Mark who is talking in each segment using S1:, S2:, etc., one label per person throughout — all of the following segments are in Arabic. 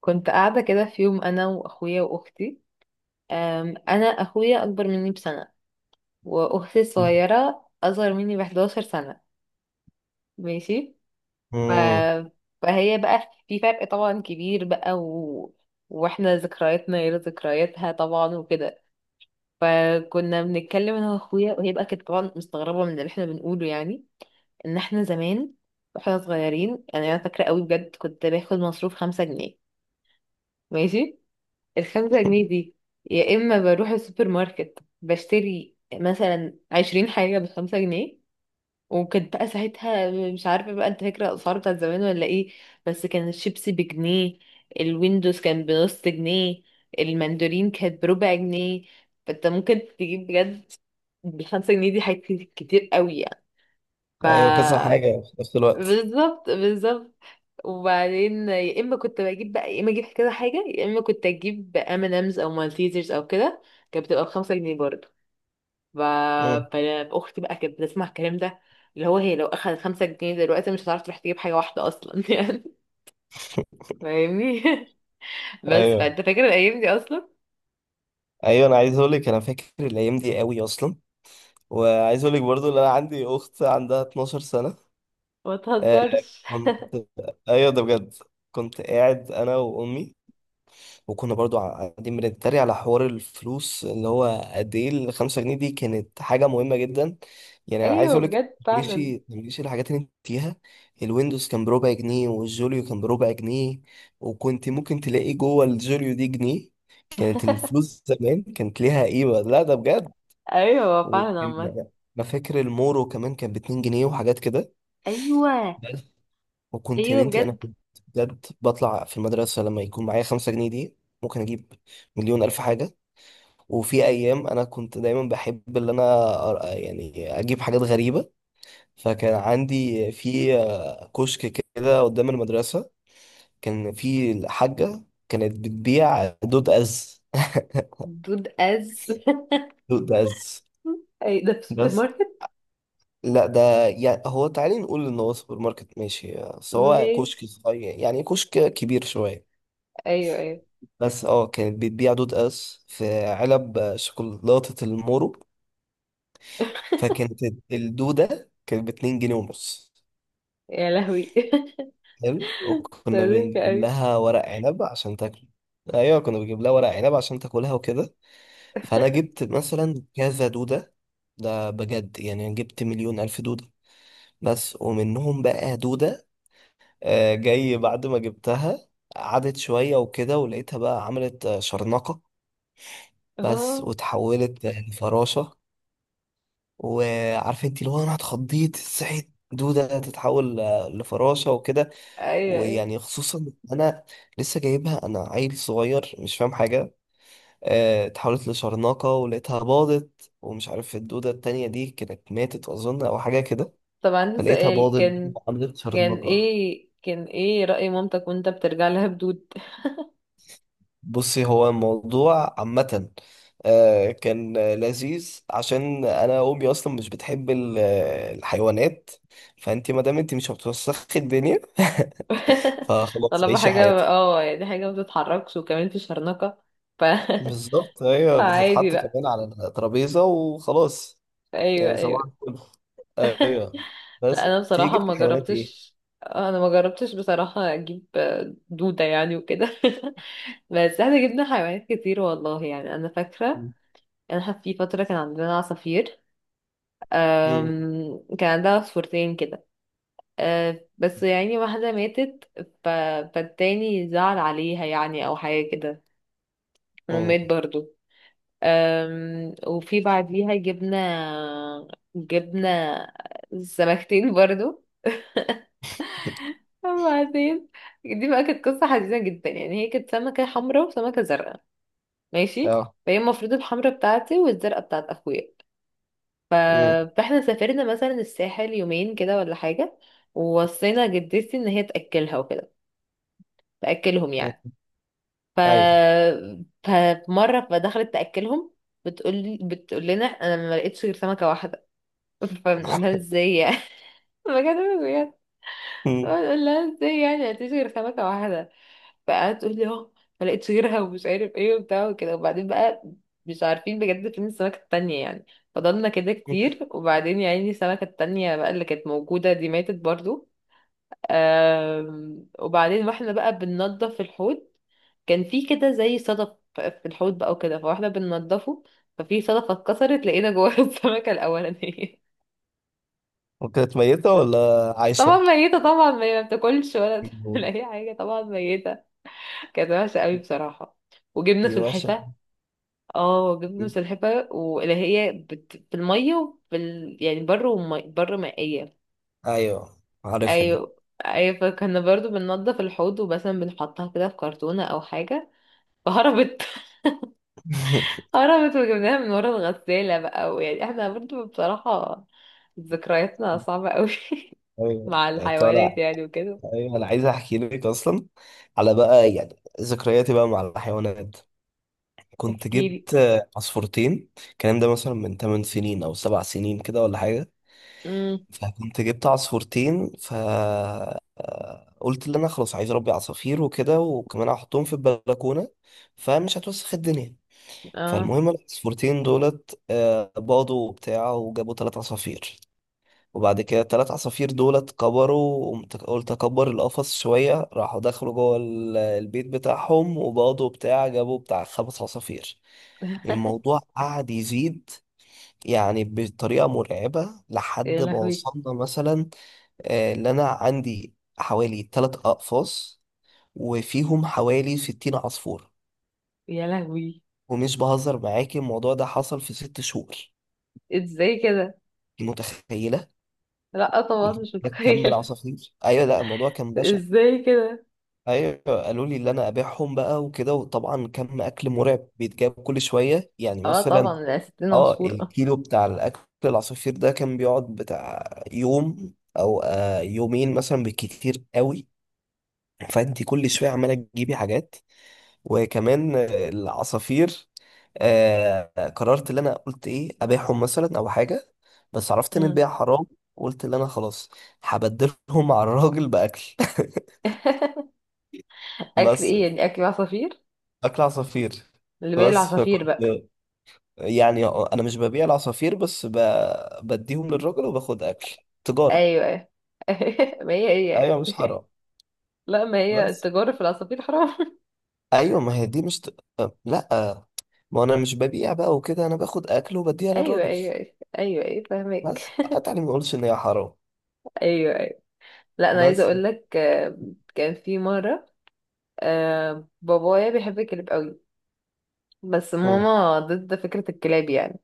S1: كنت قاعدة كده في يوم أنا وأخويا وأختي. أنا أخويا أكبر مني بسنة، وأختي الصغيرة أصغر مني 11 سنة. ماشي. ف...
S2: امم.
S1: فهي بقى في فرق طبعا كبير بقى وإحنا ذكرياتنا غير ذكرياتها طبعا وكده. فكنا بنتكلم أنا وأخويا، وهي بقى كانت طبعا مستغربة من اللي إحنا بنقوله يعني. إن إحنا زمان وإحنا صغيرين يعني أنا فاكرة قوي بجد كنت باخد مصروف 5 جنيه. ماشي. الـ5 جنيه دي، يا إما بروح السوبر ماركت بشتري مثلا 20 حاجة بـ5 جنيه. وكانت بقى ساعتها مش عارفة بقى انت فاكرة الأسعار بتاعت زمان ولا ايه. بس كان الشيبسي بجنيه، الويندوز كان بنص جنيه، المندورين كانت بربع جنيه. فانت ممكن تجيب بجد بالـ5 جنيه دي حاجات كتير قوي يعني. ف
S2: ايوه، كذا حاجه في نفس الوقت.
S1: بالظبط بالظبط. وبعدين يا اما كنت بجيب بقى يا اما اجيب كده حاجه يا اما كنت اجيب ام ان امز او مالتيزرز او كده. كانت بتبقى بـ5 جنيه برضه. ف...
S2: امم.
S1: فاختي بقى كانت بتسمع الكلام ده، اللي هو هي لو اخذت 5 جنيه دلوقتي مش هتعرف تروح تجيب حاجه واحده اصلا يعني. فاهمني؟ بس
S2: ايوه،
S1: فانت فاكر الايام دي اصلا؟
S2: ايوه، انا عايز اقول لك انا فاكر الايام دي قوي اصلا. وعايز اقول لك برضو ان انا عندي اخت عندها 12 سنه.
S1: ما
S2: آه.
S1: تهزرش.
S2: كنت ايوه، ده بجد. كنت قاعد انا وامي، وكنا برضو قاعدين بنتريق على حوار الفلوس اللي هو قد ايه الخمسة جنيه دي كانت حاجة مهمة جدا. يعني انا عايز
S1: ايوه
S2: اقولك.
S1: بجد فعلا.
S2: ماشي ماشي، الحاجات اللي انت فيها الويندوز كان بربع جنيه والجوليو كان بربع جنيه، وكنت ممكن تلاقي جوه الجوليو دي جنيه. كانت الفلوس زمان كانت ليها قيمة. لا، ده بجد.
S1: ايوه فعلا عامة.
S2: وكان- ما فاكر المورو كمان كان ب2 جنيه وحاجات كده
S1: ايوه
S2: بس. يا
S1: ايوه
S2: بنتي، انا
S1: بجد.
S2: كنت بجد بطلع في المدرسة لما يكون معايا 5 جنيه دي ممكن اجيب مليون ألف حاجة. وفي ايام انا كنت دايما بحب اللي انا يعني اجيب حاجات غريبه. فكان عندي في كشك كده قدام المدرسه، كان في الحاجه كانت بتبيع دود از.
S1: دود از
S2: دود از.
S1: اي ده في السوبر
S2: بس.
S1: ماركت؟
S2: لا، ده يعني هو تعالي نقول ان هو سوبر ماركت، ماشي، بس هو
S1: ماشي.
S2: كشك صغير، يعني كشك كبير شويه.
S1: ايوه ايوه.
S2: بس اه، كانت بتبيع دود از في علب شوكولاته المورو. فكانت الدوده كانت ب 2 جنيه ونص.
S1: يا لهوي.
S2: حلو.
S1: ده
S2: وكنا
S1: ضحك
S2: بنجيب
S1: قوي.
S2: لها ورق عنب عشان تاكل. ايوه، كنا بنجيب لها ورق عنب عشان تاكلها وكده. فانا جبت مثلا كذا دوده، ده بجد يعني جبت مليون الف دوده. بس، ومنهم بقى دوده جاي بعد ما جبتها قعدت شويه وكده، ولقيتها بقى عملت شرنقه. بس،
S1: اه.
S2: وتحولت لفراشه. وعارف انت اللي هو انا اتخضيت صحيت دوده تتحول لفراشه وكده.
S1: ايوه ايوه.
S2: ويعني خصوصا انا لسه جايبها، انا عيل صغير مش فاهم حاجه. اتحولت لشرناقه ولقيتها باضت، ومش عارف الدوده التانية دي كانت ماتت اظن او حاجه كده.
S1: طب عندي
S2: فلقيتها
S1: سؤال،
S2: باضت
S1: كان
S2: عملت
S1: كان
S2: شرناقه.
S1: ايه كان ايه رأي مامتك وانت بترجع لها بدود؟
S2: بصي، هو الموضوع عامه كان لذيذ عشان انا امي اصلا مش بتحب الحيوانات. فانت ما دام انت مش هتوسخي الدنيا، فخلاص
S1: طالما
S2: عيشي
S1: حاجة
S2: حياتك.
S1: اه يعني حاجة ما بتتحركش وكمان في شرنقة، ف
S2: بالظبط، هي
S1: فعادي
S2: بتتحط
S1: بقى.
S2: كمان على الترابيزه وخلاص.
S1: ايوه
S2: يعني
S1: ايوه.
S2: صباح الفل. ايوه.
S1: لا
S2: بس
S1: انا بصراحة
S2: تيجي في
S1: ما
S2: حيوانات ايه؟
S1: جربتش، انا ما جربتش بصراحة اجيب دودة يعني وكده بس احنا جبنا حيوانات كتير والله يعني، انا فاكرة
S2: مم.
S1: انا في فترة كان عندنا عصافير.
S2: مم.
S1: كان عندها عصفورتين كده. بس يعني واحدة ماتت، ف... فالتاني زعل عليها يعني أو حاجة كده
S2: مم.
S1: ومات برضو. وفي بعديها جبنا سمكتين برضو. وبعدين دي بقى كانت قصة حزينة جدا يعني. هي كانت سمكة حمراء وسمكة زرقاء. ماشي.
S2: اه.
S1: فهي المفروض الحمراء بتاعتي والزرقاء بتاعت أخويا. ف-
S2: مم.
S1: فاحنا سافرنا مثلا الساحل يومين كده ولا حاجة، ووصينا جدتي ان هي تأكلها وكده، تأكلهم
S2: مم.
S1: يعني. ف
S2: ايوه.
S1: فمرة فدخلت تأكلهم، بتقول لنا انا ما لقيتش غير سمكة واحدة. فبنقول لها ازاي يعني. بجد بجد.
S2: مم.
S1: بنقول لها ازاي يعني ما لقيتش غير سمكة واحدة. بقى تقول لي اه ما لقيتش غيرها ومش عارف ايه وبتاع وكده. وبعدين بقى مش عارفين بجد فين السمكة التانية يعني. فضلنا كده
S2: مم.
S1: كتير، وبعدين يا عيني السمكة التانية بقى اللي كانت موجودة دي ماتت برضو. وبعدين واحنا بقى بننضف الحوض، كان في كده زي صدف في الحوض بقى وكده، فواحنا بننضفه ففي صدفة اتكسرت لقينا جواها السمكة الأولانية.
S2: وكانت ميتة ولا
S1: طبعا
S2: عايشة؟
S1: ميتة، طبعا ما بتاكلش ولا بتعمل
S2: مم.
S1: أي حاجة، طبعا ميتة. كانت وحشة قوي بصراحة. وجبنا
S2: دي وحشة.
S1: سلحفاة. اه جبنة
S2: مم.
S1: مسلحفة واللي هي في المية وفي يعني بر بر مائية.
S2: ايوه، عارفها دي.
S1: ايوه ايوه. فكنا برضو بننضف الحوض ومثلا بنحطها كده في كرتونة او حاجة فهربت. هربت وجبناها من ورا الغسالة بقى. ويعني احنا برضو بصراحة ذكرياتنا صعبة قوي
S2: ايوه.
S1: مع الحيوانات
S2: طالع.
S1: يعني وكده.
S2: ايوه، انا عايز احكي لك اصلا على بقى يعني ذكرياتي بقى مع الحيوانات. كنت
S1: احكيلي.
S2: جبت عصفورتين الكلام ده مثلا من 8 سنين او 7 سنين كده ولا حاجة.
S1: امم
S2: فكنت جبت عصفورتين، فقلت اللي انا خلاص عايز اربي عصافير وكده، وكمان هحطهم في البلكونه فمش هتوسخ الدنيا.
S1: اه.
S2: فالمهم العصفورتين دولت باضوا وبتاع وجابوا 3 عصافير. وبعد كده الثلاث عصافير دولت كبروا. قلت اكبر القفص شويه، راحوا دخلوا جوه البيت بتاعهم وباضوا وبتاع جابوا بتاع 5 عصافير. الموضوع قعد يزيد يعني بطريقة مرعبة،
S1: يا
S2: لحد ما
S1: لهوي.
S2: وصلنا مثلا اللي أنا عندي حوالي 3 أقفاص وفيهم حوالي 60 عصفور.
S1: يا لهوي
S2: ومش بهزر معاكي، الموضوع ده حصل في 6 شهور.
S1: ازاي كده.
S2: انت متخيلة؟
S1: لا طبعا
S2: انت
S1: مش
S2: تكمل
S1: متخيلة.
S2: عصافير؟ أيوة، لا الموضوع كان بشع.
S1: ازاي كده.
S2: أيوة، قالوا لي اللي أنا أبيعهم بقى وكده، وطبعا كم أكل مرعب بيتجاب كل شوية، يعني
S1: اه
S2: مثلا
S1: طبعا ده ستين
S2: اه
S1: عصفور
S2: الكيلو بتاع الأكل العصافير ده كان بيقعد بتاع يوم أو يومين مثلا بالكتير قوي. فأنت كل شوية عمالة تجيبي حاجات، وكمان العصافير. قررت اللي انا قلت ايه ابيعهم مثلا او حاجه، بس عرفت ان
S1: مم.
S2: البيع حرام. قلت اللي انا خلاص هبدلهم على الراجل باكل.
S1: اكل
S2: بس
S1: ايه يعني اكل عصافير؟
S2: اكل عصافير.
S1: اللي باقي
S2: بس
S1: العصافير
S2: فكنت
S1: بقى؟
S2: يعني انا مش ببيع العصافير، بس بديهم للراجل وباخد اكل. تجاره.
S1: ايوه ايوه. ما هي هي.
S2: ايوه، مش حرام.
S1: لا ما هي
S2: بس
S1: التجارة في العصافير حرام.
S2: ايوه، ما هي دي مش لا ما انا مش ببيع بقى وكده، انا باخد اكل وبديها
S1: ايوه
S2: للراجل.
S1: ايوه ايوه. ايوه ايوه
S2: بس
S1: فاهمك.
S2: تعالى ما اقولش ان هي حرام.
S1: ايوه ايوه. لا انا عايزه
S2: بس.
S1: اقول لك، كان في مره بابايا بيحب الكلاب قوي بس
S2: مم.
S1: ماما ضد فكره الكلاب يعني.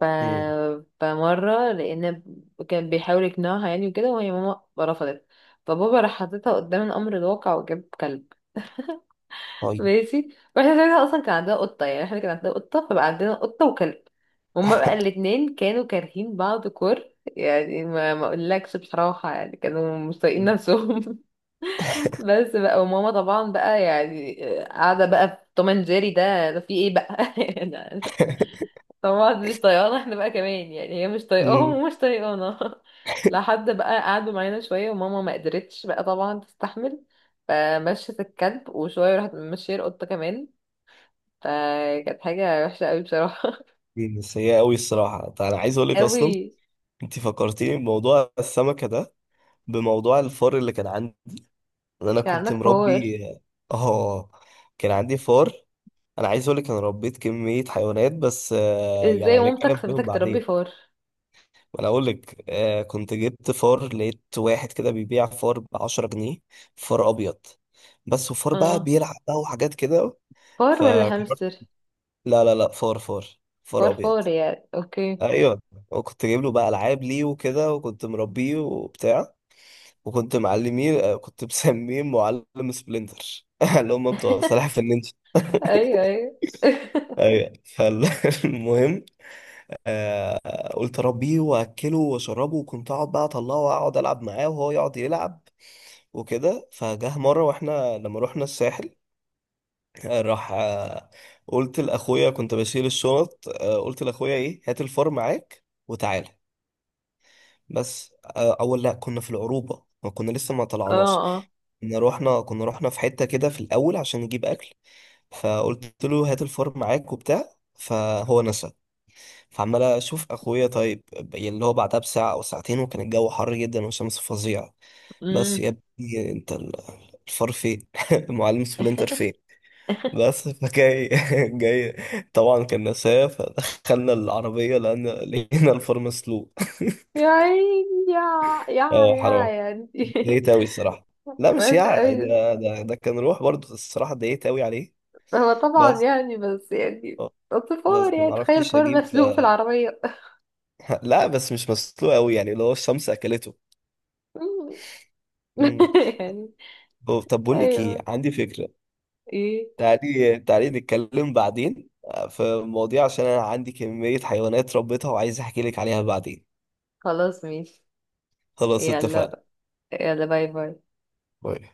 S1: ف...
S2: مم.
S1: فمره، لان كان بيحاول يقنعها يعني وكده، وهي ماما رفضت. فبابا راح حاططها قدام الامر الواقع وجاب كلب.
S2: طيب.
S1: ماشي. واحنا زمان اصلا كان عندنا قطه يعني، احنا كان عندنا قطه، فبقى عندنا قطه وكلب. هما بقى الاتنين كانوا كارهين بعض كور يعني. ما ما اقولكش بصراحه يعني، كانوا مش طايقين نفسهم. بس بقى وماما طبعا بقى يعني قاعده بقى في توم اند جيري ده في ايه بقى يعني. طبعا مش طايقانا احنا بقى كمان، يعني هي مش طايقاهم
S2: مم.
S1: ومش طايقانا لحد بقى قعدوا معانا شويه وماما ما قدرتش بقى طبعا تستحمل. فمشت الكلب وشويه راحت مشيه القطه كمان. فكانت حاجة وحشة قوي بصراحة.
S2: دي سيئة أوي الصراحة. طيب، أنا عايز أقولك أصلا
S1: قوي.
S2: أنت فكرتيني بموضوع السمكة ده، بموضوع الفار اللي كان عندي، إن أنا
S1: كان
S2: كنت
S1: عندك فار؟
S2: مربي. آه، كان عندي فار. أنا عايز أقولك أنا ربيت كمية حيوانات، بس يعني
S1: ازاي مامتك
S2: هنتكلم عليهم
S1: سابتك تربي
S2: بعدين.
S1: فار.
S2: أنا أقولك كنت جبت فار، لقيت واحد كده بيبيع فار ب10 جنيه، فار أبيض بس، وفار بقى
S1: اه.
S2: بيلعب بقى وحاجات كده.
S1: فار
S2: ف
S1: ولا هامستر؟
S2: لا لا لا، فار فار. فار
S1: فار
S2: ابيض.
S1: فار يعني، اوكي.
S2: ايوه. وكنت جايب له بقى العاب ليه وكده، وكنت مربيه وبتاع. وكنت معلميه كنت مسميه معلم سبلنتر، اللي هم بتوع سلاحف في النينجا.
S1: ايوه ايوه.
S2: ايوه، فالمهم قلت اربيه واكله واشربه، وكنت اقعد بقى اطلعه واقعد العب معاه وهو يقعد يلعب وكده. فجه مره واحنا لما رحنا الساحل، آه، راح آه قلت لاخويا كنت بشيل الشنط، قلت لاخويا ايه هات الفار معاك وتعالى. بس اول لا كنا في العروبه ما كنا لسه ما
S1: اه.
S2: طلعناش،
S1: اه.
S2: كنا رحنا في حته كده في الاول عشان نجيب اكل. فقلت له هات الفار معاك وبتاع فهو نسى. فعمال اشوف اخويا طيب، يعني اللي هو بعدها بساعه او ساعتين، وكان الجو حر جدا والشمس فظيعه. بس
S1: امم
S2: يا ابني انت الفار فين؟ المعلم سبلنتر فين؟ بس فجاي جاي. طبعا كان نساه، فدخلنا العربيه لان لقينا الفار مسلوق.
S1: يا عيني، يا يا
S2: اه
S1: يا
S2: حرام.
S1: يعني.
S2: اتضايقت أوي الصراحة. لا، مش
S1: وحش
S2: يعني،
S1: قوي.
S2: ده كان روح برضه، الصراحة اتضايقت أوي عليه.
S1: هو طبعا
S2: بس
S1: يعني بس يعني
S2: آه،
S1: أصل فار
S2: بس
S1: يعني
S2: ما
S1: تخيل
S2: عرفتش
S1: فار
S2: أجيب.
S1: مسلوق في العربية.
S2: لا بس مش مسلوق أوي، يعني اللي هو الشمس أكلته. امم.
S1: يعني.
S2: طب بقول لك إيه،
S1: ايوه.
S2: عندي فكرة.
S1: ايه؟
S2: تعالي تعالي نتكلم بعدين في المواضيع عشان أنا عندي كمية حيوانات ربيتها وعايز أحكي لك عليها بعدين.
S1: خلاص ماشي.
S2: خلاص اتفقنا.
S1: يلا. يلا باي باي.
S2: باي.